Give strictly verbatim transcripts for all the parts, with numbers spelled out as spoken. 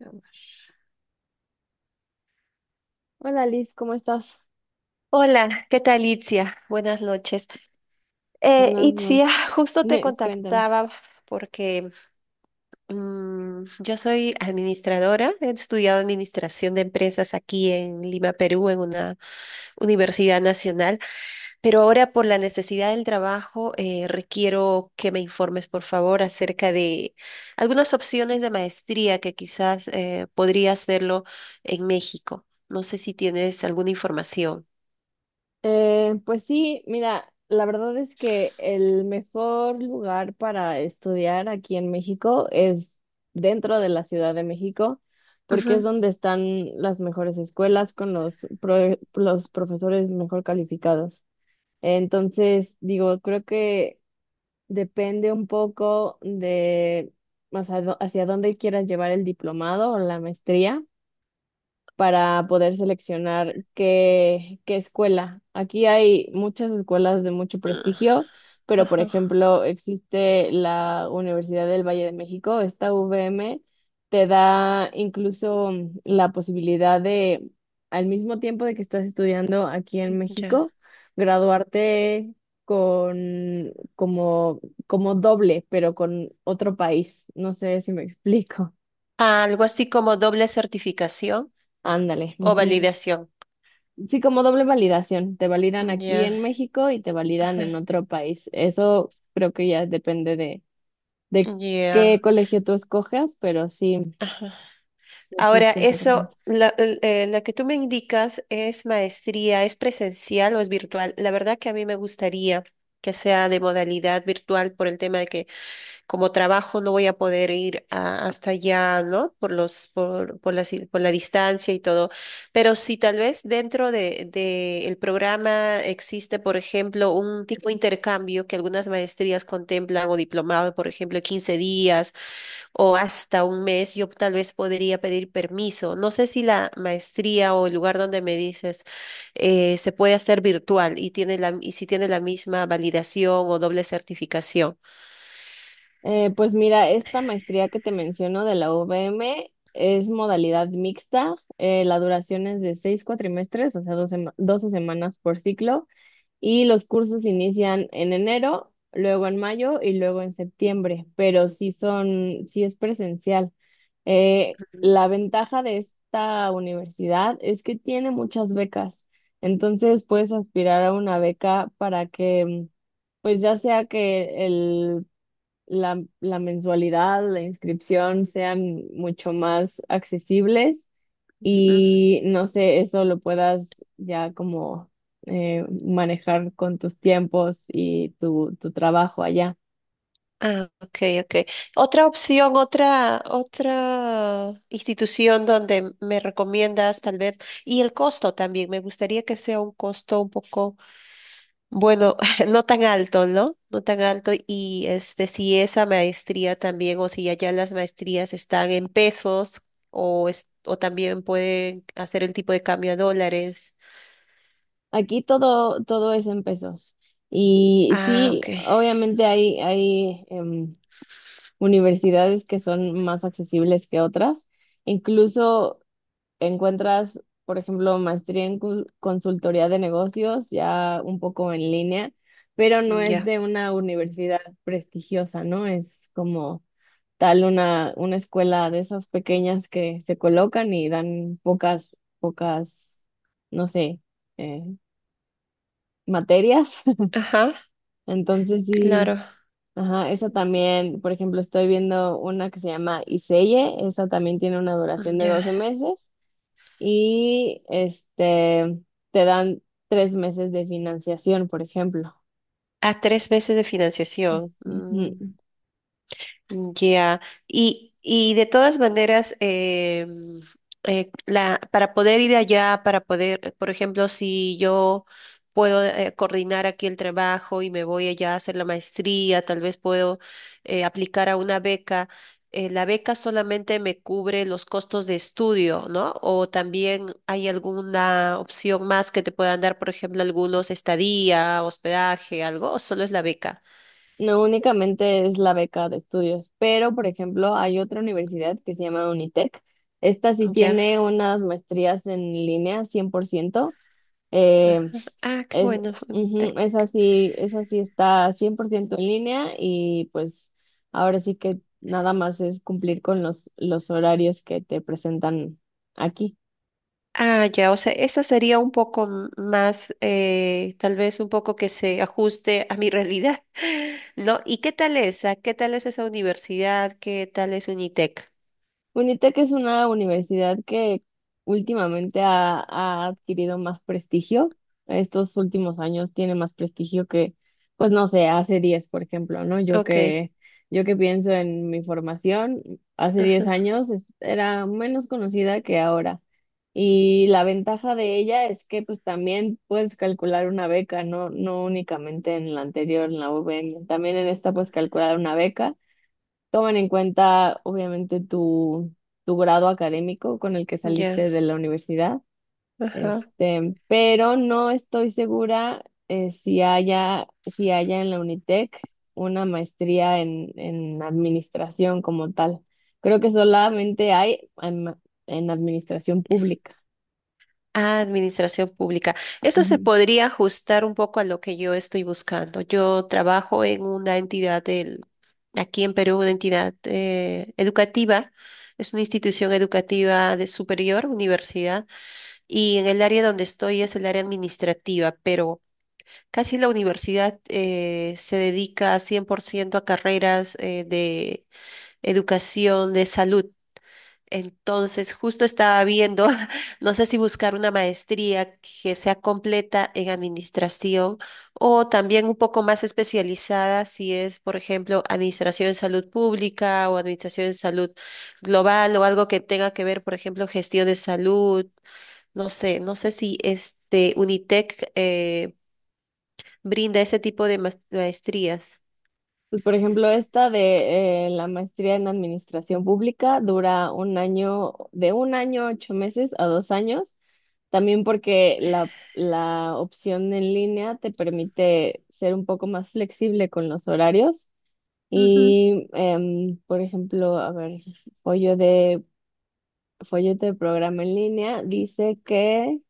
Vamos. Hola Liz, ¿cómo estás? Hola, ¿qué tal, Itzia? Buenas noches. Eh, Buenas Itzia, noches. justo te Cuéntame. contactaba porque mm, yo soy administradora, he estudiado administración de empresas aquí en Lima, Perú, en una universidad nacional, pero ahora por la necesidad del trabajo eh, requiero que me informes, por favor, acerca de algunas opciones de maestría que quizás eh, podría hacerlo en México. No sé si tienes alguna información. Eh, pues sí, mira, la verdad es que el mejor lugar para estudiar aquí en México es dentro de la Ciudad de México, porque es Ujú. donde están las mejores escuelas con los, pro- los profesores mejor calificados. Entonces, digo, creo que depende un poco de más a dó- hacia dónde quieras llevar el diplomado o la maestría para poder seleccionar qué, qué escuela. Aquí hay muchas escuelas de mucho Mm. prestigio, pero por Ajá. ejemplo existe la Universidad del Valle de México, esta U V M te da incluso mm, la posibilidad de, al mismo tiempo de que estás estudiando aquí en Ya. México, graduarte con como, como doble, pero con otro país. No sé si me explico. Ah, algo así como doble certificación Ándale. o validación. Sí, como doble validación. Te validan aquí Ya. en México y te validan en Ajá. otro país. Eso creo que ya depende de, de qué Ya. colegio tú escoges, pero sí Ahora, existe esa, por eso, ejemplo. la, el- eh, la que tú me indicas es maestría, ¿es presencial o es virtual? La verdad que a mí me gustaría que sea de modalidad virtual por el tema de que como trabajo no voy a poder ir a- hasta allá, ¿no? Por los, por, por la, si, por la distancia y todo. Pero si tal vez dentro de, de el programa existe, por ejemplo, un tipo de intercambio que algunas maestrías contemplan o diplomado, por ejemplo, quince días o hasta un mes, yo tal vez podría pedir permiso. No sé si la maestría o el lugar donde me dices eh, se puede hacer virtual y tiene la, y si tiene la misma validación o doble certificación. Eh, pues mira, esta maestría que te menciono de la U V M es modalidad mixta. eh, la duración es de seis cuatrimestres, o sea, doce doce semanas por ciclo. Y los cursos inician en enero, luego en mayo y luego en septiembre, pero sí son, sí es presencial. Eh, la ventaja de esta universidad es que tiene muchas becas, entonces puedes aspirar a una beca para que, mm, pues ya sea que el, la, la mensualidad, la inscripción sean mucho más accesibles Ujú. y no sé, eso lo puedas ya como eh, manejar con tus tiempos y tu, tu trabajo allá. Ah, ok, ok. Otra opción, otra, otra institución donde me recomiendas tal vez, y el costo también, me gustaría que sea un costo un poco, bueno, no tan alto, ¿no? No tan alto, y este, si esa maestría también, o si allá las maestrías están en pesos, o, es- o también pueden hacer el tipo de cambio a dólares. Aquí todo, todo es en pesos. Y Ah, sí, ok, obviamente hay, hay em, universidades que son más accesibles que otras. Incluso encuentras, por ejemplo, maestría en cul- consultoría de negocios ya un poco en línea, pero no es ya. de una universidad prestigiosa, ¿no? Es como tal una, una escuela de esas pequeñas que se colocan y dan pocas, pocas, no sé, eh, materias. Ajá, Entonces sí, claro. ajá, esa también, por ejemplo, estoy viendo una que se llama Iseye, esa también tiene una duración Mm, de ya. doce meses y este, te dan tres meses de financiación, por ejemplo. A tres meses de financiación. Mm. Ujú. Ya. Y, y de todas maneras, em, eh, la, para poder ir allá, para poder, por ejemplo, si yo puedo eh, coordinar aquí el trabajo y me voy allá a hacer la maestría, tal vez puedo eh, aplicar a una beca. Eh, la beca solamente me cubre los costos de estudio, ¿no? O también hay alguna opción más que te puedan dar, por ejemplo, algunos estadía, hospedaje, algo, o solo es la beca. No únicamente es la beca de estudios, pero por ejemplo hay otra universidad que se llama Unitec. Esta sí Ya. tiene unas maestrías en línea cien por ciento. Eh, Ajá. Ah, qué es, bueno. bueno, te- ujú, esa sí, esa sí está cien por ciento en línea y pues ahora sí que nada más es cumplir con los, los horarios que te presentan aquí. Ah, ya, o sea, esa sería un poco m- más, eh, tal vez un poco que se ajuste a mi realidad, ¿no? ¿Y qué tal esa? ¿Qué tal es esa universidad? ¿Qué tal es Unitec? UNITEC es una universidad que últimamente ha, ha adquirido más prestigio. Estos últimos años tiene más prestigio que, pues no sé, hace diez por ejemplo, ¿no? Yo Ok, que, yo que pienso en mi formación, hace diez ajá, años es- era menos conocida que ahora. Y la ventaja de ella es que pues también puedes calcular una beca, no, no únicamente en la anterior, en la U V M, también en esta puedes calcular una beca. Toman en cuenta, obviamente, tu, tu grado académico con el que ya, saliste de la universidad, ajá. este, pero no estoy segura eh, si haya, si haya en la Unitec una maestría en, en administración como tal. Creo que solamente hay en, en administración pública. Administración pública. Eso se podría ajustar un poco a lo que yo estoy buscando. Yo trabajo en una entidad del, aquí en Perú, una entidad eh, educativa. Es una institución educativa de superior, universidad, y en el área donde estoy es el área administrativa, pero casi la universidad eh, se dedica cien por ciento a carreras eh, de educación, de salud. Entonces, justo estaba viendo, no sé si buscar una maestría que sea completa en administración o también un poco más especializada si es, por ejemplo, administración en salud pública o administración en salud global o algo que tenga que ver, por ejemplo, gestión de salud. No sé, no sé si este Unitec eh, brinda ese tipo de mas- maestrías. Pues, por ejemplo, esta de eh, la maestría en administración pública dura un año, de un año, ocho meses a dos años, también porque la, la opción en línea te permite ser un poco más flexible con los horarios. Ujú. Y, em, por ejemplo, a ver, follo de, folleto de programa en línea dice que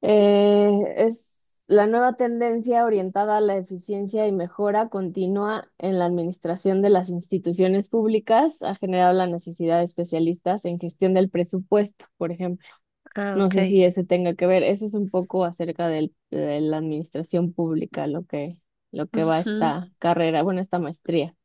eh, es la nueva tendencia orientada a la eficiencia y mejora continua en la administración de las instituciones públicas ha generado la necesidad de especialistas en gestión del presupuesto, por ejemplo. Ah, No ok. sé si ese tenga que ver. Eso es un poco acerca del- de la administración pública, lo que, lo que va Ujú. esta carrera, bueno, esta maestría.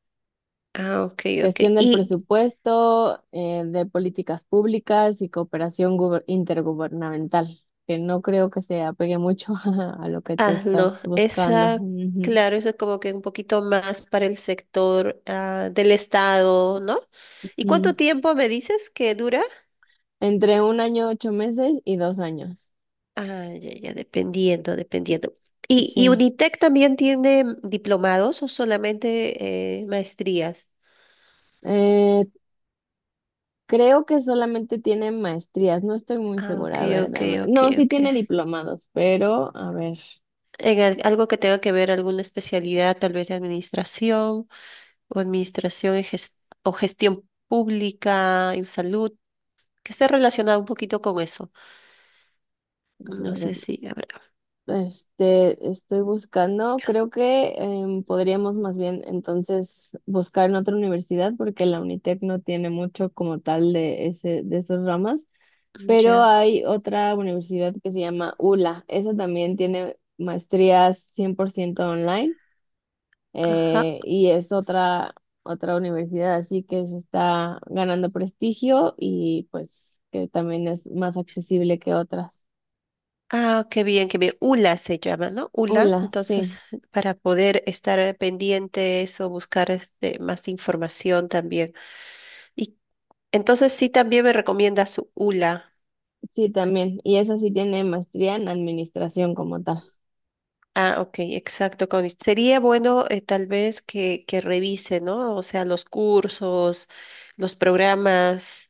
Ah, ok, ok. Gestión del Y presupuesto, eh, de políticas públicas y cooperación guber- intergubernamental, que no creo que se apegue mucho a lo que tú Ah, no, estás buscando. esa, Ujú. claro, eso es como que un poquito más para el sector ah, del Estado, ¿no? ¿Y Mm. cuánto tiempo me dices que dura? Entre un año, ocho meses y dos años. Ah, ya, ya, dependiendo, dependiendo. ¿Y, y Sí. Unitec también tiene diplomados o solamente eh, maestrías? Eh, creo que solamente tiene maestrías, no estoy muy Ah, ok, segura, a ver, ok, dame- ok, no, sí ok. tiene diplomados, pero a ver, En al- algo que tenga que ver, alguna especialidad, tal vez de administración o administración en ges- o gestión pública en salud, que esté relacionado un poquito con eso. No sé si habrá. Este, estoy buscando, creo que em, podríamos más bien entonces buscar en otra universidad porque la Unitec no tiene mucho como tal de ese, de esas ramas, Mm. pero Ya. hay otra universidad que se llama ULA, esa también tiene maestrías cien por ciento online Ajá. eh, y es otra, otra universidad, así que se está ganando prestigio y pues que también es más accesible que otras. Ah, qué bien, qué bien. U L A se llama, ¿no? U L A. ULA, Entonces, sí. para poder estar pendientes o buscar este, más información también. Y entonces sí también me recomiendas U L A. Sí, también. Y esa sí tiene maestría en administración como tal. Ah, ok, exacto. Connie. Sería bueno eh, tal vez que, que revise, ¿no? O sea, los cursos, los programas,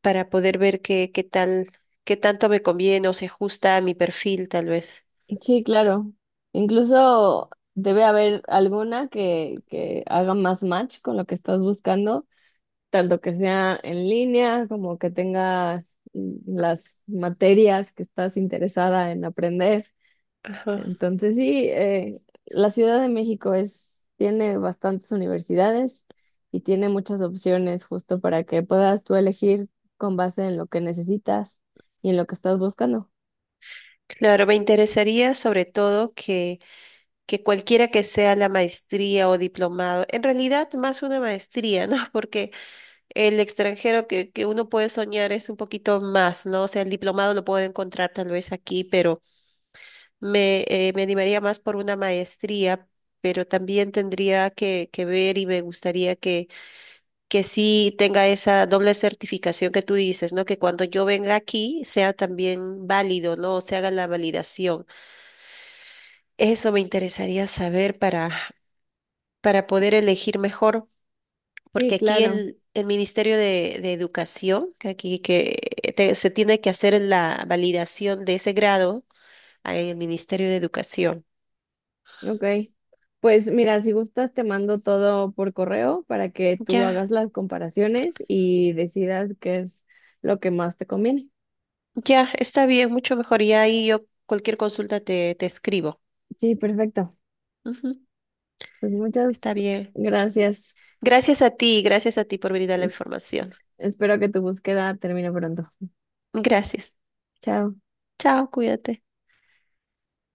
para poder ver qué, qué tal, qué tanto me conviene o se ajusta a mi perfil, tal vez. Sí, claro. Incluso debe haber alguna que, que haga más match con lo que estás buscando, tanto que sea en línea como que tenga mm, las materias que estás interesada en aprender. Ajá. Entonces sí, eh, la Ciudad de México es, tiene bastantes universidades y tiene muchas opciones justo para que puedas tú elegir con base en lo que necesitas y en lo que estás buscando. Claro, me interesaría sobre todo que, que cualquiera que sea la maestría o diplomado, en realidad más una maestría, ¿no? Porque el extranjero que, que uno puede soñar es un poquito más, ¿no? O sea, el diplomado lo puedo encontrar tal vez aquí, pero me, eh, me animaría más por una maestría, pero también tendría que, que ver y me gustaría que, que sí tenga esa doble certificación que tú dices, ¿no? Que cuando yo venga aquí sea también válido, ¿no? O se haga la validación. Eso me interesaría saber para, para poder elegir mejor, Sí, porque aquí claro. el, el Ministerio de, de Educación, que aquí que te- se tiene que hacer la validación de ese grado ah, en el Ministerio de Educación. Ok. Pues mira, si gustas, te mando todo por correo para que tú hagas Ya, las comparaciones y decidas qué es lo que más te conviene. ya, está bien, mucho mejor. Y ahí yo cualquier consulta te, te, escribo. Sí, perfecto. Ujú, Pues muchas está bien. gracias. Gracias a ti, gracias a ti por brindar la Es- información. espero que tu búsqueda termine pronto. Gracias. Chao. Chao, cuídate.